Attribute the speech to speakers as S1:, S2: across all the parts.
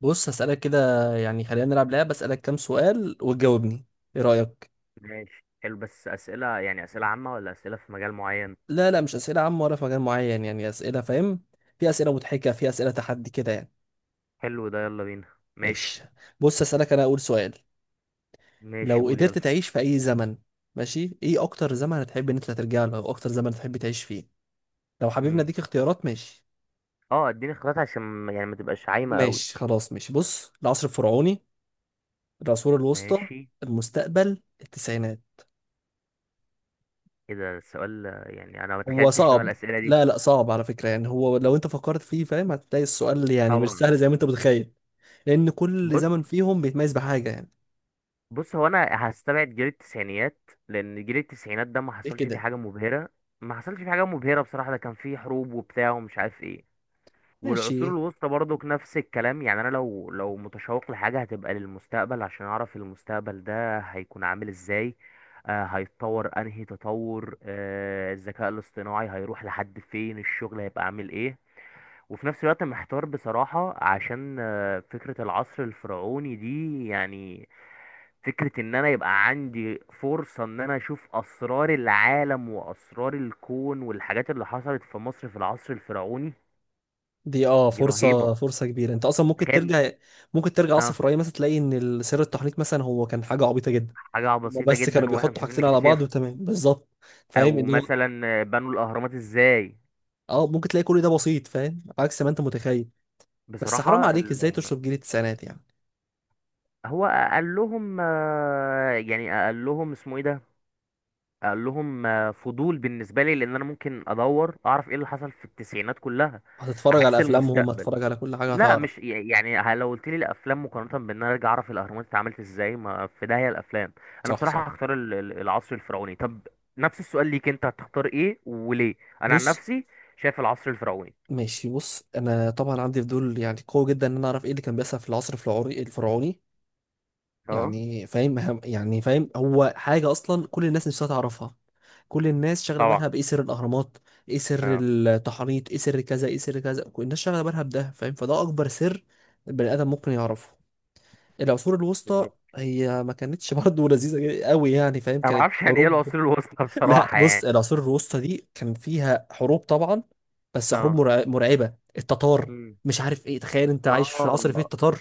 S1: بص هسألك كده. يعني خلينا نلعب لعبة، أسألك كام سؤال وتجاوبني. إيه رأيك؟
S2: ماشي، حلو. بس أسئلة، يعني أسئلة عامة ولا أسئلة في مجال معين؟
S1: لا، لا، مش أسئلة عامة ولا في مجال معين، يعني أسئلة، فاهم؟ في أسئلة مضحكة، في أسئلة تحدي كده، يعني.
S2: حلو ده، يلا بينا. ماشي.
S1: ماشي. بص هسألك أنا أول سؤال.
S2: ماشي،
S1: لو
S2: قول يلا.
S1: قدرت تعيش في أي زمن، ماشي، إيه أكتر زمن هتحب إن أنت ترجع له أو أكتر زمن هتحب تعيش فيه؟ لو حبيبنا
S2: امم
S1: أديك اختيارات، ماشي.
S2: اه، اديني اختيارات عشان يعني ما تبقاش عايمة قوي.
S1: ماشي، خلاص، ماشي. بص، العصر الفرعوني، العصور الوسطى،
S2: ماشي.
S1: المستقبل، التسعينات.
S2: ايه ده السؤال؟ يعني انا ما
S1: هو
S2: تخيلتش نوع
S1: صعب.
S2: الأسئلة دي.
S1: لا، لا، صعب على فكرة، يعني هو لو انت فكرت فيه، فاهم، هتلاقي السؤال يعني مش
S2: طبعا.
S1: سهل زي ما انت متخيل. لان كل
S2: بص
S1: زمن فيهم بيتميز بحاجة يعني.
S2: بص هو انا هستبعد جيل التسعينيات لان جيل التسعينات ده ما
S1: دي
S2: حصلش فيه
S1: كده.
S2: حاجة مبهرة. ما حصلش فيه حاجة مبهرة بصراحة، ده كان فيه حروب وبتاع ومش عارف ايه. والعصور
S1: ماشي.
S2: الوسطى برضك نفس الكلام. يعني انا لو متشوق لحاجه هتبقى للمستقبل عشان اعرف المستقبل ده هيكون عامل ازاي. هيتطور انهي تطور، الذكاء الاصطناعي هيروح لحد فين، الشغل هيبقى عامل ايه. وفي نفس الوقت محتار بصراحه، عشان فكره العصر الفرعوني دي، يعني. فكرة ان انا يبقى عندي فرصة ان انا اشوف اسرار العالم واسرار الكون والحاجات اللي حصلت في مصر في العصر الفرعوني.
S1: دي
S2: دي رهيبة،
S1: فرصة فرصة كبيرة، انت اصلا ممكن
S2: تخيل.
S1: ترجع. ممكن ترجع اصلا في
S2: اه،
S1: الرأي، مثلا تلاقي ان سر التحنيط مثلا هو كان حاجة عبيطة جدا.
S2: حاجة
S1: هما
S2: بسيطة
S1: بس كانوا
S2: جدا واحنا
S1: بيحطوا
S2: مش عارفين
S1: حاجتين على بعض
S2: نكتشفها.
S1: وتمام بالظبط، فاهم
S2: او
S1: اللي هو.
S2: مثلا بنوا الاهرامات ازاي.
S1: اه، ممكن تلاقي كل ده بسيط، فاهم، عكس ما انت متخيل. بس حرام
S2: بصراحة.
S1: عليك، ازاي تشرب جيل التسعينات يعني؟
S2: هو قال لهم. يعني قال لهم اسمه ايه ده. قال لهم، فضول بالنسبة لي لان انا ممكن ادور اعرف ايه اللي حصل في التسعينات كلها.
S1: هتتفرج على
S2: عكس
S1: افلامهم،
S2: المستقبل.
S1: هتتفرج على كل حاجة،
S2: لا،
S1: هتعرف.
S2: مش يعني لو قلت لي الافلام مقارنة بان انا ارجع اعرف الاهرامات اتعملت ازاي، ما في داهية الافلام. انا
S1: صح،
S2: بصراحة
S1: صح.
S2: هختار العصر الفرعوني. طب، نفس السؤال ليك، انت هتختار ايه وليه؟ انا عن
S1: بص،
S2: نفسي شايف العصر الفرعوني.
S1: ماشي، بص، انا طبعا عندي فضول يعني قوي جدا ان انا اعرف ايه اللي كان بيحصل في العصر الفرعوني الفرعوني.
S2: اه.
S1: يعني فاهم هو حاجه اصلا، كل الناس نفسها تعرفها. كل الناس شاغله
S2: طبعا.
S1: بالها بايه، سر الاهرامات. ايه سر
S2: اه.
S1: التحنيط، ايه سر كذا، ايه سر كذا، كل الناس شاغله بالها بده، فاهم، فده اكبر سر البني ادم ممكن يعرفه. العصور الوسطى،
S2: بالظبط.
S1: هي ما كانتش برضه لذيذه قوي، يعني فاهم،
S2: انا ما
S1: كانت
S2: اعرفش يعني ايه
S1: حروب.
S2: العصور الوسطى
S1: لا،
S2: بصراحه،
S1: بص،
S2: يعني.
S1: العصور الوسطى دي كان فيها حروب طبعا. بس حروب
S2: اه.
S1: مرعبة، التتار،
S2: امم.
S1: مش عارف ايه، تخيل انت عايش في عصر فيه
S2: اه.
S1: التتار.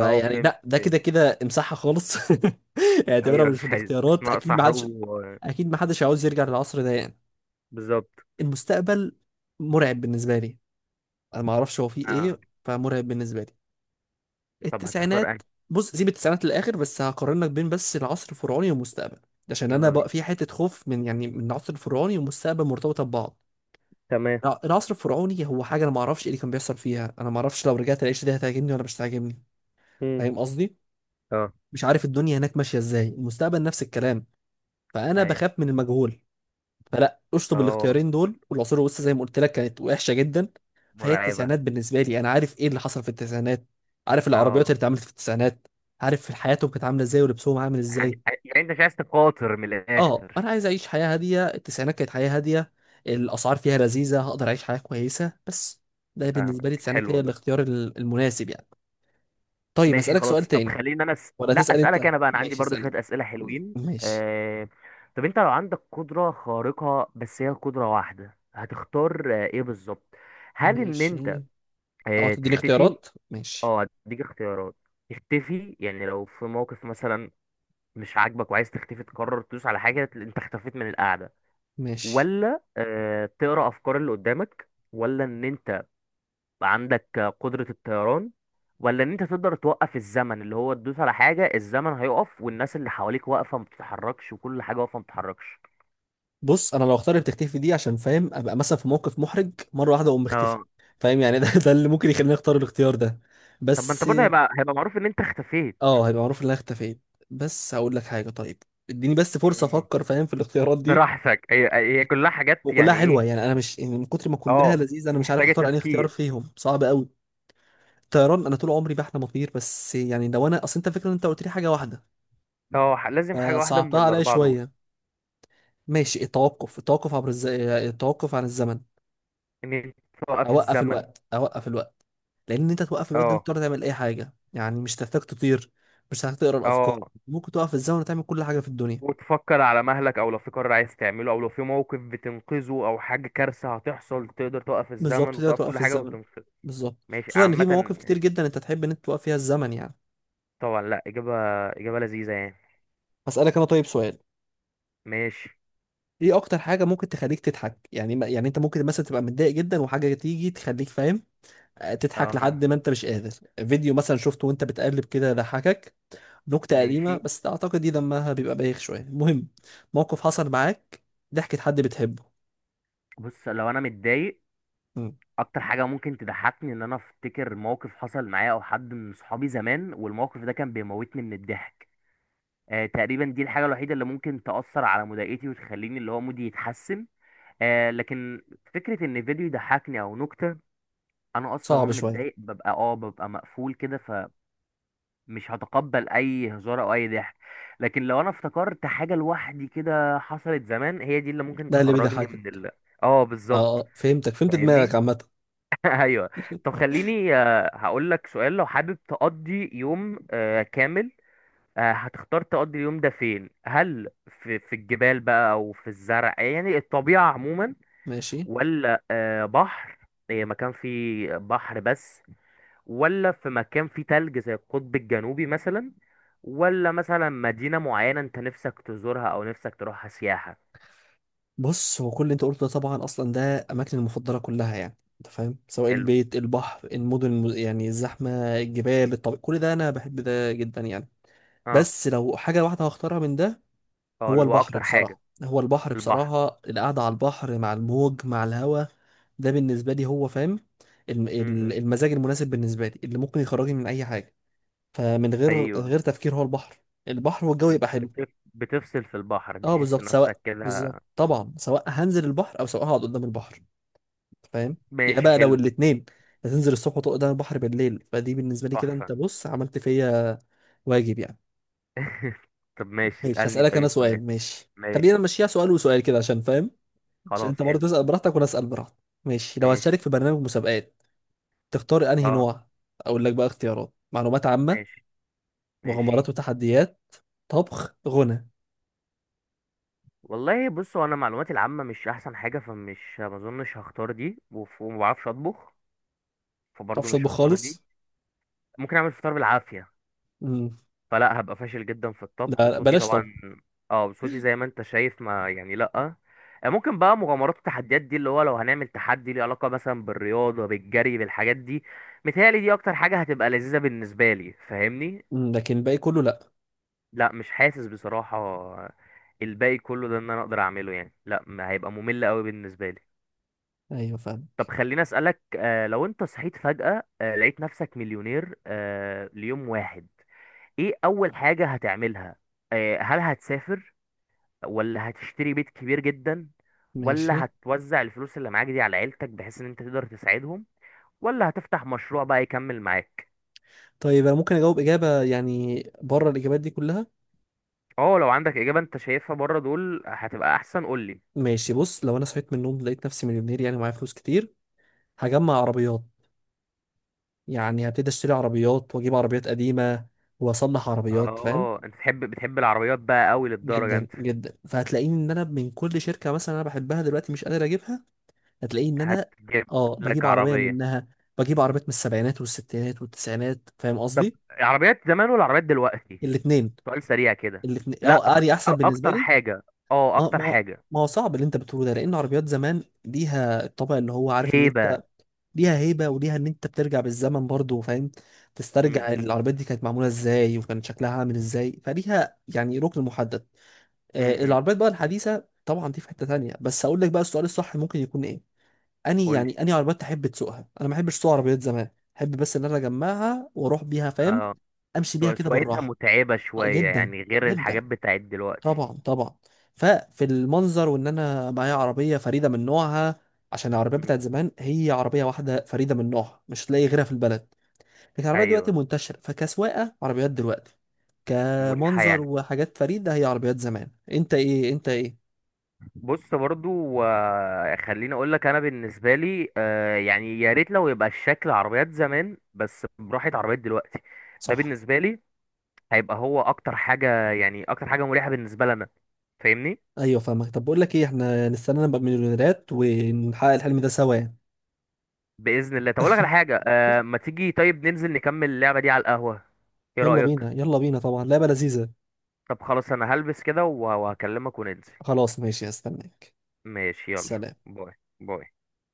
S2: اه، فهمت
S1: لا، ده كده كده امسحها خالص. اعتبرها
S2: ايوه،
S1: مش في
S2: مش عايز، مش
S1: الاختيارات، اكيد
S2: ناقصه
S1: ما حدش،
S2: حروب
S1: اكيد ما حدش عاوز يرجع للعصر ده يعني.
S2: بالظبط.
S1: المستقبل مرعب بالنسبة لي. انا ما اعرفش هو فيه
S2: اه،
S1: ايه، فمرعب بالنسبة لي.
S2: طب هتختار
S1: التسعينات.
S2: انهي؟
S1: بص، سيب التسعينات للاخر، بس هقارن لك بين بس العصر الفرعوني والمستقبل. عشان انا
S2: يلا
S1: بقى
S2: بينا.
S1: في حته خوف من، يعني من، العصر الفرعوني والمستقبل مرتبطه ببعض.
S2: تمام.
S1: لا، العصر الفرعوني هو حاجه انا ما اعرفش ايه اللي كان بيحصل فيها، انا ما اعرفش لو رجعت العيش دي هتعجبني ولا مش هتعجبني.
S2: مم.
S1: فاهم قصدي.
S2: اه.
S1: مش عارف الدنيا هناك ماشيه ازاي، المستقبل نفس الكلام. فانا
S2: ايوه.
S1: بخاف من المجهول. فلا، اشطب
S2: اه،
S1: الاختيارين دول. والعصور الوسطى زي ما قلت لك كانت وحشه جدا. فهي
S2: مرعبه.
S1: التسعينات بالنسبه لي، انا عارف ايه اللي حصل في التسعينات. عارف العربيات اللي
S2: اه،
S1: اتعملت في التسعينات. عارف حياتهم كانت عامله ازاي ولبسهم عامل
S2: ع-
S1: ازاي.
S2: ع- يعني انت مش عايز تقاتل من
S1: اه، انا
S2: الاخر.
S1: عايز اعيش حياه هاديه، التسعينات كانت حياه هاديه. الاسعار فيها لذيذه، هقدر اعيش حياه كويسه بس. ده بالنسبه لي،
S2: فاهمك،
S1: التسعينات
S2: حلو
S1: هي
S2: والله.
S1: الاختيار المناسب يعني. طيب
S2: ماشي
S1: اسالك سؤال
S2: خلاص. طب
S1: تاني؟
S2: خليني انا
S1: ولا
S2: لا،
S1: تسال انت؟
S2: اسالك انا بقى. انا عندي
S1: ماشي،
S2: برضو
S1: اسال
S2: شويه
S1: انت.
S2: اسئله حلوين
S1: ماشي.
S2: طب انت لو عندك قدره خارقه، بس هي قدره واحده، هتختار ايه بالظبط؟ هل ان انت
S1: ماشي، اه تديني
S2: تختفي؟
S1: اختيارات، ماشي.
S2: اه، هديك اختيارات. تختفي يعني لو في موقف مثلا مش عاجبك وعايز تختفي، تقرر تدوس على حاجه تلاقي انت اختفيت من القعده.
S1: ماشي،
S2: ولا تقرا افكار اللي قدامك، ولا ان انت عندك قدرة الطيران، ولا ان انت تقدر توقف الزمن، اللي هو تدوس على حاجة الزمن هيقف، والناس اللي حواليك واقفة ما بتتحركش، وكل حاجة واقفة ما بتتحركش.
S1: بص، انا لو اختار اللي بتختفي دي، عشان فاهم ابقى مثلا في موقف محرج، مره واحده اقوم مختفي.
S2: اه،
S1: فاهم يعني، ده اللي ممكن يخليني اختار الاختيار ده.
S2: طب ما انت
S1: بس،
S2: برضه هيبقى معروف ان انت اختفيت.
S1: اه، هيبقى معروف ان انا اختفيت. بس هقول لك حاجه، طيب. اديني بس فرصه
S2: مم.
S1: افكر، فاهم، في الاختيارات دي.
S2: براحتك. هي كلها
S1: مم.
S2: حاجات،
S1: وكلها
S2: يعني
S1: حلوه،
S2: ايه.
S1: يعني انا مش، يعني من كتر ما كلها
S2: اه،
S1: لذيذه، انا مش عارف
S2: محتاجة
S1: اختار انهي اختيار
S2: تفكير.
S1: فيهم، صعب قوي. الطيران، انا طول عمري بحلم اطير، بس يعني لو انا، اصل انت فكره ان انت قلت لي حاجه واحده،
S2: اه، لازم حاجة واحدة من
S1: فصعبتها عليا
S2: الأربعة دول.
S1: شويه. ماشي، التوقف عن الزمن.
S2: إن أنت توقف
S1: اوقف
S2: الزمن.
S1: الوقت، اوقف الوقت. لان انت توقف الوقت ده، انت
S2: اه.
S1: تقدر تعمل اي حاجه، يعني مش تحتاج تطير. مش هتحتاج تقرا الافكار.
S2: اه،
S1: ممكن توقف الزمن وتعمل كل حاجه في الدنيا.
S2: وتفكر على مهلك، او لو في قرار عايز تعمله، او لو في موقف بتنقذه، او حاجه كارثه هتحصل تقدر توقف
S1: بالظبط،
S2: الزمن
S1: تقدر
S2: وتوقف كل
S1: توقف
S2: حاجه
S1: الزمن.
S2: وتنقذه.
S1: بالظبط.
S2: ماشي،
S1: خصوصا ان في
S2: عامه.
S1: مواقف كتير جدا انت تحب ان انت توقف فيها الزمن يعني.
S2: طبعا. لا، اجابه لذيذه يعني.
S1: هسألك انا طيب سؤال.
S2: ماشي.
S1: ايه اكتر حاجة ممكن تخليك تضحك؟ يعني يعني انت ممكن مثلا تبقى متضايق جدا وحاجة تيجي تخليك، فاهم، تضحك
S2: اه.
S1: لحد ما انت مش قادر. فيديو مثلا شفته وانت بتقلب كده ضحكك. نكتة قديمة،
S2: ماشي.
S1: بس اعتقد دي دمها بيبقى بايخ شوية، المهم. موقف حصل معاك. ضحكة حد بتحبه.
S2: بص، لو انا متضايق،
S1: مم.
S2: اكتر حاجه ممكن تضحكني ان انا افتكر موقف حصل معايا او حد من صحابي زمان، والموقف ده كان بيموتني من الضحك. تقريبا دي الحاجه الوحيده اللي ممكن تاثر على مضايقتي وتخليني اللي هو مودي يتحسن. لكن فكره ان فيديو يضحكني او نكته، انا اصلا
S1: صعب
S2: وانا
S1: شوية.
S2: متضايق ببقى مقفول كده، فمش هتقبل اي هزار او اي ضحك. لكن لو انا افتكرت حاجه لوحدي كده حصلت زمان، هي دي اللي ممكن
S1: ده اللي
S2: تخرجني من
S1: بيضحكك.
S2: ال اه،
S1: اه،
S2: بالظبط.
S1: فهمتك، فهمت دماغك
S2: فاهمني.
S1: عامة.
S2: ايوه. طب خليني هقول لك سؤال. لو حابب تقضي يوم كامل، هتختار تقضي اليوم ده فين؟ هل في الجبال بقى، او في الزرع، يعني الطبيعه عموما،
S1: ماشي،
S2: ولا بحر، مكان فيه بحر بس، ولا في مكان فيه تلج زي القطب الجنوبي مثلا، ولا مثلا مدينة معينة انت نفسك تزورها، او نفسك تروحها سياحة؟
S1: بص، هو كل اللي انت قلته ده طبعا اصلا ده اماكني المفضله كلها، يعني انت فاهم، سواء
S2: حلو.
S1: البيت، البحر، المدن، يعني الزحمه، الجبال، الطبيعي، كل ده انا بحب ده جدا يعني.
S2: اه.
S1: بس لو حاجه واحده هختارها من ده،
S2: اه،
S1: هو
S2: اللي هو
S1: البحر
S2: اكتر حاجة.
S1: بصراحه، هو البحر
S2: البحر.
S1: بصراحه، القعده على البحر مع الموج مع الهواء. ده بالنسبه لي هو، فاهم،
S2: امم.
S1: المزاج المناسب بالنسبه لي اللي ممكن يخرجني من اي حاجه. فمن غير من
S2: ايوه.
S1: غير تفكير، هو البحر. البحر والجو
S2: ال-
S1: يبقى حلو.
S2: بتف... بتفصل في البحر،
S1: اه،
S2: بتحس
S1: بالظبط،
S2: نفسك
S1: سواء بالظبط
S2: كده؟
S1: طبعا، سواء هنزل البحر او سواء هقعد قدام البحر، فاهم. يا
S2: ماشي،
S1: بقى لو
S2: حلو،
S1: الاتنين، هتنزل الصبح وتقعد على البحر بالليل، فدي بالنسبة لي كده،
S2: تحفة.
S1: انت بص عملت فيا واجب يعني.
S2: طب ماشي،
S1: ماشي،
S2: اسألني
S1: هسألك انا
S2: طيب سؤال.
S1: سؤال. ماشي، خلينا
S2: ماشي،
S1: نمشيها سؤال وسؤال كده، عشان فاهم، عشان
S2: خلاص،
S1: انت
S2: حلو.
S1: برضه تسأل براحتك وانا اسأل براحتي. ماشي، لو
S2: ماشي.
S1: هتشارك في برنامج مسابقات، تختار انهي
S2: اه.
S1: نوع؟ اقول لك بقى اختيارات: معلومات عامة،
S2: ماشي. ماشي.
S1: مغامرات وتحديات، طبخ، غنى ما.
S2: والله بصوا، انا معلوماتي العامة مش احسن حاجة، فمش ما اظنش هختار دي. وما بعرفش اطبخ، فبرضه
S1: تعرفش
S2: مش
S1: تطبخ
S2: هختار دي.
S1: خالص؟
S2: ممكن اعمل فطار بالعافيه.
S1: امم.
S2: فلا، هبقى فاشل جدا في الطبخ.
S1: لا، لا،
S2: وصوتي
S1: بلاش
S2: طبعا.
S1: طبخ.
S2: اه، صوتي زي ما انت شايف، ما يعني لا. ممكن بقى مغامرات والتحديات دي، اللي هو لو هنعمل تحدي ليه علاقه مثلا بالرياضه، بالجري، بالحاجات دي. متهيألي دي اكتر حاجه هتبقى لذيذه بالنسبه لي، فاهمني.
S1: لكن الباقي كله لا.
S2: لا، مش حاسس بصراحه. الباقي كله ده ان انا اقدر اعمله، يعني لا، ما هيبقى ممل قوي بالنسبه لي.
S1: ايوه فاهم.
S2: طب خليني اسالك، لو انت صحيت فجاه، لقيت نفسك مليونير، ليوم واحد، ايه اول حاجة هتعملها؟ هل هتسافر؟ ولا هتشتري بيت كبير جدا؟
S1: ماشي،
S2: ولا هتوزع الفلوس اللي معاك دي على عيلتك بحيث ان انت تقدر تساعدهم؟ ولا هتفتح مشروع بقى يكمل معاك؟
S1: طيب انا ممكن اجاوب اجابة يعني بره الاجابات دي كلها.
S2: اه، لو عندك اجابة انت شايفها بره دول هتبقى احسن، قولي.
S1: ماشي، بص، لو انا صحيت من النوم لقيت نفسي مليونير، يعني معايا فلوس كتير، هجمع عربيات. يعني هبتدي اشتري عربيات واجيب عربيات قديمة واصلح عربيات، فاهم.
S2: اه، انت بتحب العربيات بقى قوي للدرجة،
S1: جدا
S2: انت
S1: جدا، فهتلاقيني ان انا من كل شركة مثلا انا بحبها دلوقتي مش قادر اجيبها، هتلاقيني ان انا،
S2: هتجيب
S1: اه،
S2: لك
S1: بجيب عربية
S2: عربية.
S1: منها. بجيب عربيات من السبعينات والستينات والتسعينات، فاهم
S2: طب
S1: قصدي.
S2: عربيات زمان ولا عربيات دلوقتي؟
S1: الاتنين.
S2: سؤال سريع كده.
S1: الاتنين،
S2: لا،
S1: اه، اري احسن بالنسبة
S2: اكتر
S1: لي.
S2: حاجة. اه،
S1: ما
S2: اكتر
S1: ما
S2: حاجة.
S1: ما هو صعب اللي انت بتقوله ده، لان عربيات زمان ليها الطابع اللي هو عارف ان
S2: هيبة.
S1: انت، ليها هيبه وليها ان انت بترجع بالزمن برضو، فاهم،
S2: امم.
S1: تسترجع العربيات دي كانت معموله ازاي وكان شكلها عامل ازاي، فليها يعني ركن محدد.
S2: امم.
S1: العربيات بقى الحديثه طبعا دي في حته تانية، بس اقول لك بقى السؤال الصح ممكن يكون ايه. اني عربيات تحب تسوقها؟ انا ما احبش اسوق عربيات زمان. احب بس ان انا اجمعها واروح بيها، فاهم،
S2: اه.
S1: امشي بيها كده
S2: سواقتها
S1: بالراحه.
S2: متعبة
S1: آه،
S2: شوية،
S1: جدا،
S2: يعني غير
S1: جدا،
S2: الحاجات بتاعت دلوقتي.
S1: طبعا، طبعا. ففي المنظر وان انا معايا عربيه فريده من نوعها، عشان العربيات
S2: مم.
S1: بتاعت زمان هي عربيه واحده فريده من نوعها، مش تلاقي غيرها في البلد. لكن العربيات
S2: ايوه،
S1: دلوقتي منتشره، فكسواقه عربيات دلوقتي.
S2: مريحة
S1: كمنظر
S2: يعني.
S1: وحاجات فريده هي عربيات زمان، انت ايه انت ايه؟
S2: بص برضو، خليني اقول لك. انا بالنسبة لي، يعني يا ريت لو يبقى الشكل عربيات زمان بس براحة عربيات دلوقتي. ده
S1: صح.
S2: بالنسبة لي هيبقى هو اكتر حاجة، يعني اكتر حاجة مريحة بالنسبة لنا. فاهمني.
S1: ايوه فاهمك. طب بقول لك ايه، احنا نستنى نبقى مليونيرات ونحقق الحلم ده سوا يعني.
S2: بإذن الله. طب اقول لك على حاجة، ما تيجي طيب ننزل نكمل اللعبة دي على القهوة، ايه
S1: يلا
S2: رأيك؟
S1: بينا، يلا بينا، طبعا لعبه لذيذه.
S2: طب خلاص، انا هلبس كده وهكلمك وننزل.
S1: خلاص، ماشي، هستناك.
S2: ماشي، يلا.
S1: سلام.
S2: باي. باي.